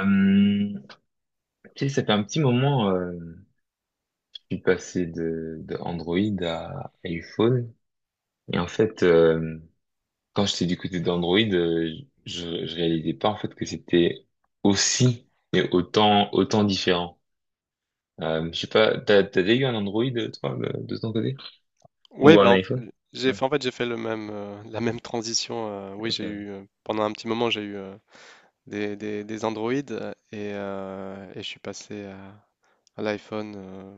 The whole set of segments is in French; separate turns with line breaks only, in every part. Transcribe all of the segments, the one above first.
Euh, ok, ça fait un petit moment, je suis passé de Android à iPhone. Et en fait, quand j'étais du côté d'Android, je réalisais pas en fait que c'était aussi et autant différent. Je sais pas, t'as déjà eu un Android toi de ton côté?
Oui,
Ou
ben,
un iPhone? Ouais,
en fait, j'ai fait la même transition. Oui, j'ai
ok.
eu, pendant un petit moment, j'ai eu des Android, et je suis passé à l'iPhone,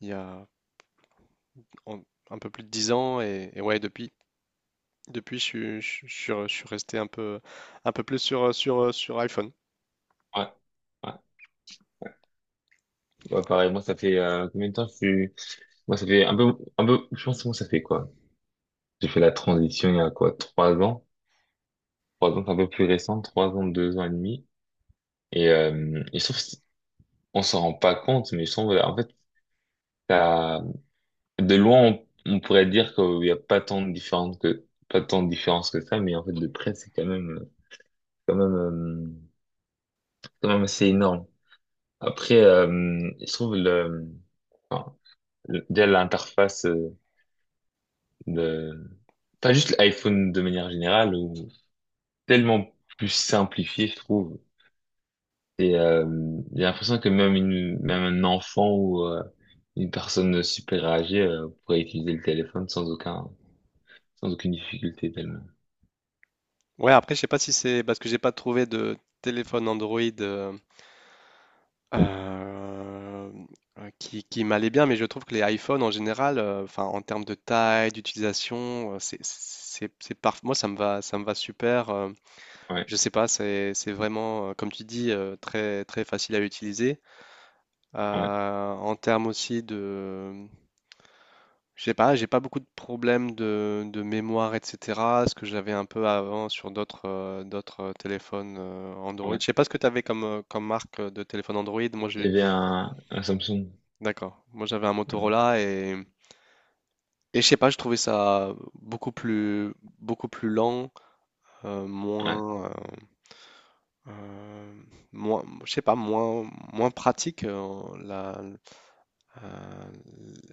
il y a en- un peu plus de 10 ans. Et ouais, depuis je suis resté un peu plus sur iPhone.
Ouais, ouais. Ouais, pareil. Moi, ça fait combien de temps que je suis. Moi, ça fait un peu, un peu. Je pense que moi, ça fait quoi? J'ai fait la transition il y a quoi? Trois ans? Trois ans, c'est un peu plus récent, trois ans, deux ans et demi. Et je trouve que on s'en rend pas compte, mais je trouve, en fait, ça, de loin, on pourrait dire qu'il n'y a pas tant de différence que, pas tant de différence que ça, mais en fait, de près, c'est quand même, quand même, euh, quand même assez énorme. Après, je trouve enfin, déjà l'interface, de, pas juste l'iPhone de manière générale, ou tellement plus simplifié, je trouve. Et j'ai l'impression que même un enfant ou une personne super âgée, pourrait utiliser le téléphone sans aucune difficulté tellement.
Ouais, après, je sais pas si c'est parce que j'ai pas trouvé de téléphone Android, euh, qui m'allait bien, mais je trouve que les iPhones en général, enfin, en termes de taille, d'utilisation, moi, ça me va, super.
Ouais,
Je sais pas, c'est vraiment, comme tu dis, très, très facile à utiliser.
ouais,
En termes aussi de, je sais pas, j'ai pas beaucoup de problèmes de mémoire, etc. Ce que j'avais un peu avant sur d'autres, d'autres téléphones, Android.
ouais.
Je sais pas ce que tu avais comme, comme marque, de téléphone Android. Moi, je
J'avais un Samsung.
D'accord. Moi, j'avais un
Ouais,
Motorola et, je sais pas, je trouvais ça beaucoup plus, lent,
ouais,
moins, euh, euh, moins, je sais pas, moins pratique, euh,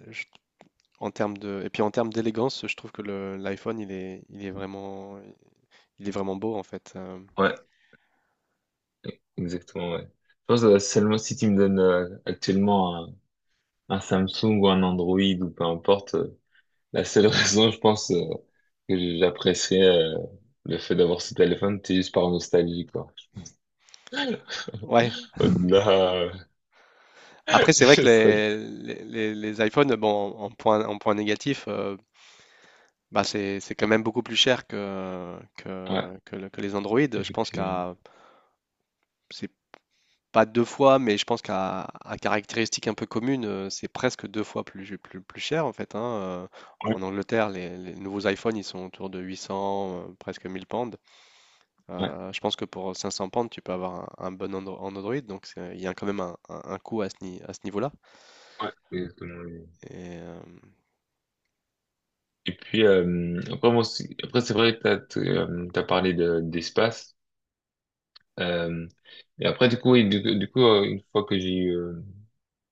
je- en termes de, et puis en termes d'élégance, je trouve que l'iPhone, il est vraiment beau en fait.
ouais, exactement, ouais. Je pense seulement si tu me donnes actuellement un Samsung ou un Android ou peu importe, la seule raison, je pense, que j'apprécierais euh, le fait d'avoir ce téléphone, c'est juste par nostalgie, quoi.
Ouais.
Au-delà,
Après, c'est vrai que
je serais...
les iPhones, bon, en point négatif. Bah, c'est quand même beaucoup plus cher que,
Ouais.
que les Android.
Effectivement.
C'est pas deux fois, mais je pense qu'à à caractéristiques un peu communes, c'est presque deux fois plus, cher en fait, hein.
Ouais.
En Angleterre, les nouveaux iPhones, ils sont autour de 800, presque 1 000 pounds.
Ouais,
Je pense que pour 500 pounds, tu peux avoir un bon Andro- en Android, donc il y a quand même un, un coût à ce, ni- à ce niveau-là.
ouais, exactement. Lui.
Et, euh,
Et puis, après, moi aussi, après, c'est vrai que t'as parlé d'espace. Euh, et après, du coup, oui, du coup, une fois que j'ai eu,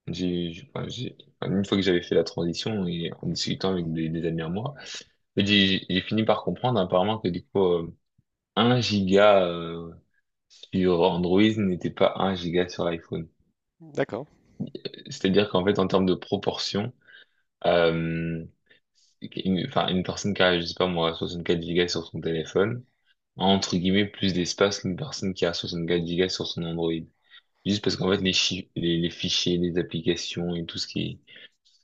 j'ai- enfin, enfin, une fois que j'avais fait la transition et en discutant avec des amis à moi, j'ai fini par comprendre apparemment que du coup, 1 giga, sur Android n'était pas un giga sur l'iPhone.
d'accord,
C'est-à-dire qu'en fait, en termes de proportion, Euh, enfin, une personne qui a, je sais pas moi, 64 gigas sur son téléphone, a, entre guillemets, plus d'espace qu'une personne qui a 64 gigas sur son Android. Juste parce qu'en fait, les fichiers, les applications et tout ce qui,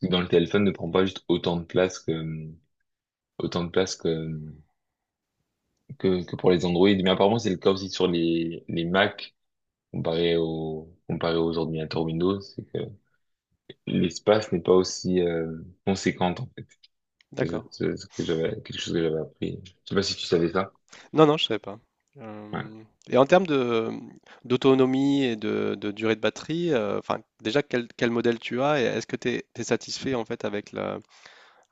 est dans le téléphone ne prend pas juste autant de place que, autant de place que, que pour les Android. Mais apparemment, c'est le cas aussi sur les Mac, comparé aux ordinateurs Windows, c'est que l'espace n'est pas aussi, conséquent. Les
d'accord.
autres, quelque chose que j'avais appris. Je sais pas si tu savais ça.
Non, non, je savais pas.
Ouais.
Euh, Et en termes de d'autonomie et de durée de batterie, enfin déjà quel modèle tu as et est-ce que tu es satisfait en fait avec la,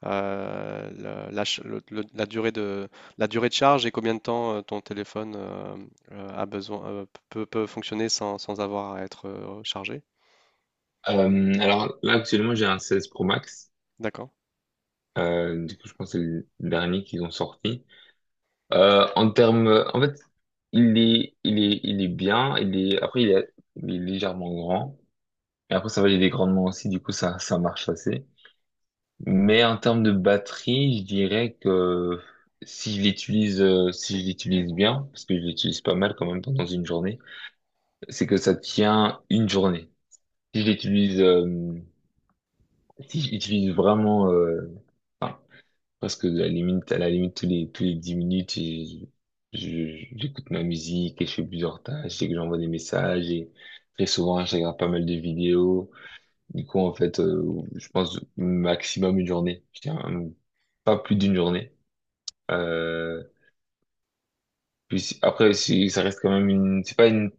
la, la ch- le- la durée de charge et combien de temps ton téléphone, peut fonctionner sans avoir à être, chargé?
Alors là, actuellement, j'ai un 16 Pro Max.
D'accord.
Du coup, je pense que c'est le dernier qu'ils ont sorti. En fait, il est bien. Après, il est légèrement grand. Et après, ça va, il est grandement aussi. Du coup, ça marche assez. Mais en termes de batterie, je dirais que si je l'utilise bien, parce que je l'utilise pas mal quand même pendant une journée, c'est que ça tient une journée. Si j'utilise euh, Si j'utilise vraiment, presque à la limite tous les 10 minutes et j'écoute ma musique et je fais plusieurs tâches et que j'envoie des messages et très souvent je regarde pas mal de vidéos. Du coup en fait, je pense maximum une journée. Je dirais, pas plus d'une journée. Euh, Puis après si ça reste quand même une c'est pas une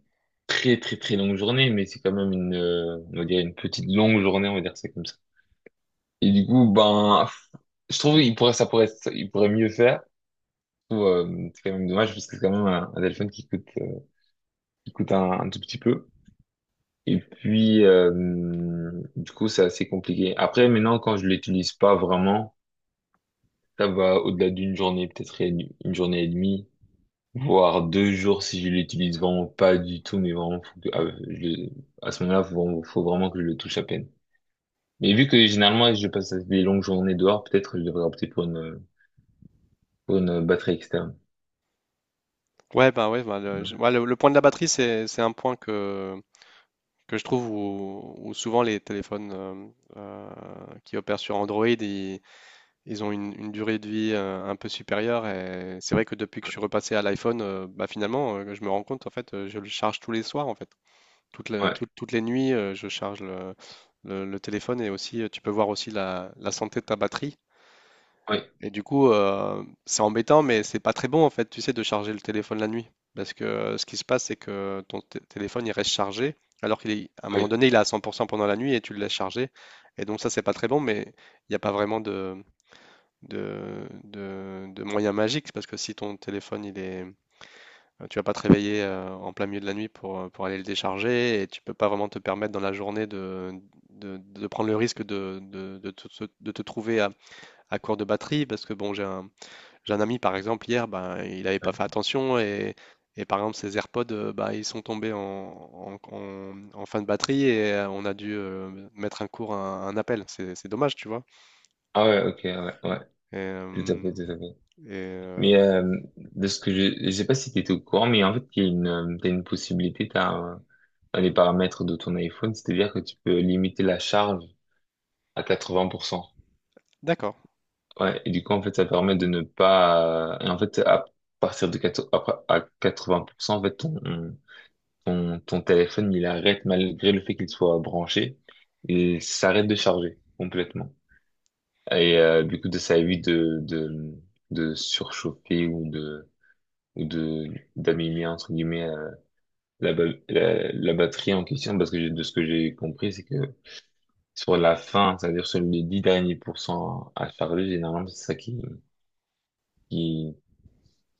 très très très longue journée mais c'est quand même une on va dire une petite longue journée, on va dire c'est comme ça. Et du coup, ben, je trouve, il pourrait, ça- il pourrait mieux faire. Je trouve, c'est quand même dommage parce que c'est quand même un téléphone qui coûte un tout petit peu. Et puis, du coup, c'est assez compliqué. Après, maintenant, quand je l'utilise pas vraiment, ça va au-delà d'une journée, peut-être une journée et demie, voire deux jours si je l'utilise vraiment pas du tout, mais vraiment, faut que- ah, je à ce moment-là, faut vraiment que je le touche à peine. Mais vu que généralement, je passe des longues journées dehors, peut-être je devrais opter pour une batterie externe.
Ouais, bah, ouais, bah, le,
Ouais,
je- ouais, le point de la batterie, c'est un point que je trouve où, souvent les téléphones, euh, qui opèrent sur Android, ils ont une durée de vie, un peu supérieure, et c'est vrai que depuis que je suis repassé à l'iPhone, bah finalement, je me rends compte en fait, je le charge tous les soirs en fait,
ouais,
toutes les nuits, je charge le téléphone, et aussi, tu peux voir aussi la santé de ta batterie.
ouais,
Et du coup, c'est embêtant, mais c'est pas très bon en fait, tu sais, de charger le téléphone la nuit, parce que, ce qui se passe, c'est que ton téléphone, il reste chargé, alors qu'il est, à un moment donné, il est à 100% pendant la nuit et tu le laisses charger, et donc ça, c'est pas très bon, mais il n'y a pas vraiment de moyens magiques, parce que si ton téléphone, tu vas pas te réveiller, en plein milieu de la nuit pour, aller le décharger, et tu peux pas vraiment te permettre dans la journée de prendre le risque de te trouver à court de batterie, parce que bon, j'ai un ami, par exemple, hier, ben, il avait pas
ouais.
fait attention, et, par exemple, ses AirPods, bah, ils sont tombés en fin de batterie, et on a dû, mettre un court un appel. C'est dommage, tu vois.
Ah ouais, ok, ouais, ouais,
Et,
tout à
euh,
fait, tout à fait.
et, euh,
Mais de ce que je sais pas si tu étais au courant, mais en fait, il y a une, t'as une possibilité, dans les paramètres de ton iPhone, c'est-à-dire que tu peux limiter la charge à 80%.
d'accord.
Ouais, et du coup, en fait, ça permet de ne pas, et en fait, à partir de 4 après, à 80%, en fait, ton téléphone, il arrête malgré le fait qu'il soit branché, il s'arrête de charger complètement. Et du coup, ça évite de surchauffer ou ou de, d'abîmer, entre guillemets, la, ba- la batterie en question, parce que de ce que j'ai compris, c'est que sur la fin, c'est-à-dire sur les 10 derniers pourcents à charger, généralement, c'est ça qui,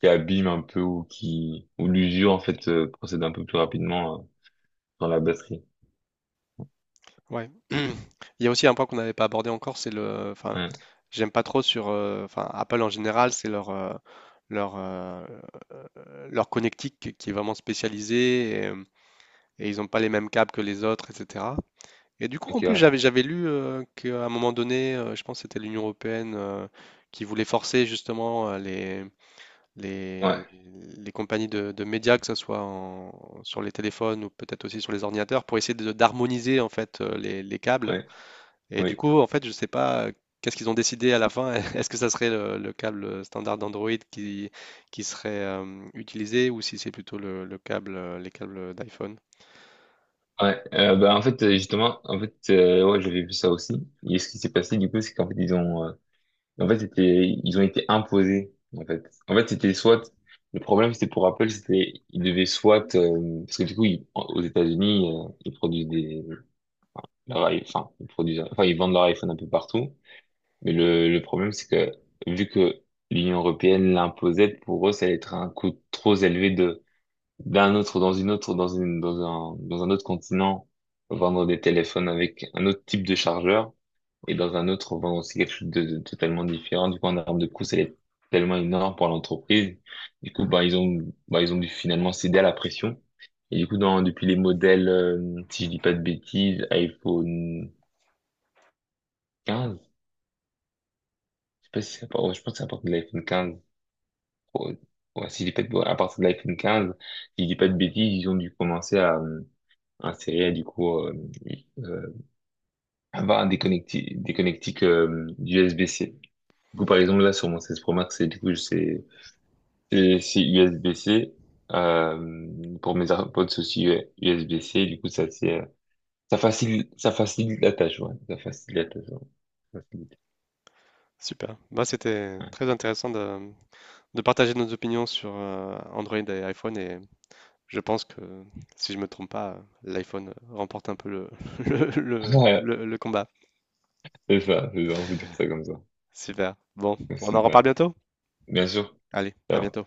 qui abîme un peu ou qui, ou l'usure, en fait, procède un peu plus rapidement, dans la batterie.
Ouais. Il y a aussi un point qu'on n'avait pas abordé encore, c'est le... enfin,
Ouais.
j'aime pas trop, sur. Enfin, Apple en général, c'est leur euh, leur connectique qui est vraiment spécialisée, et ils n'ont pas les mêmes câbles que les autres, etc. Et du coup,
Ok,
en plus,
ouais.
j'avais lu, qu'à un moment donné, je pense que c'était l'Union européenne, qui voulait forcer justement, les
Ouais,
les compagnies de médias, que ce soit sur les téléphones ou peut-être aussi sur les ordinateurs, pour essayer d'harmoniser en fait, les câbles,
ouais,
et du
oui.
coup, en fait, je sais pas, qu'est-ce qu'ils ont décidé à la fin. Est-ce que ça serait le câble standard d'Android qui serait, utilisé, ou si c'est plutôt les câbles d'iPhone?
Ouais, bah en fait, justement en fait, ouais j'avais vu ça aussi et ce qui s'est passé du coup c'est qu'en fait ils ont, et en fait, c'était, ils ont été imposés, en fait. En fait, c'était soit, le problème, c'était pour Apple, c'était, ils devaient soit, parce que du coup, aux États-Unis, ils produisent enfin, ils produisent, enfin, ils vendent leur iPhone un peu partout. Mais le problème, c'est que, vu que l'Union européenne l'imposait, pour eux, ça allait être un coût trop élevé dans un autre continent, vendre des téléphones avec un autre type de chargeur et dans un autre, on vend aussi quelque chose de totalement différent. Du coup, en termes de coût, ça allait être tellement énorme pour l'entreprise. Du coup, bah, ils ont dû finalement céder à la pression. Et du coup, depuis les modèles, si je dis pas de bêtises, iPhone 15, je sais pas si c'est à part- ouais, je pense que c'est à partir de l'iPhone 15. Ouais, ouais, si je dis pas de, ouais, à partir de l'iPhone 15, si je dis pas de bêtises, ils ont dû commencer insérer, du coup, euh, avoir des connectiques, USB-C. Du coup, par exemple, là, sur mon 16 Pro Max, c'est, du coup, c'est Et c'est USB-C. Pour mes AirPods c'est aussi, ouais, USB-C. Du coup, ça c'est, ça facilite la tâche, ouais. Ça facilite la tâche. Ouais. Ça facilite.
Super. Bah, c'était
Ouais.
très intéressant de partager nos opinions sur, Android et iPhone. Et je pense que, si je me trompe pas, l'iPhone remporte un peu le...
Ouais,
le combat.
c'est ça, c'est ça, on peut dire ça comme ça.
Super. Bon, on en
C'est
reparle
ça.
bientôt?
Bien sûr.
Allez, à
Ciao.
bientôt.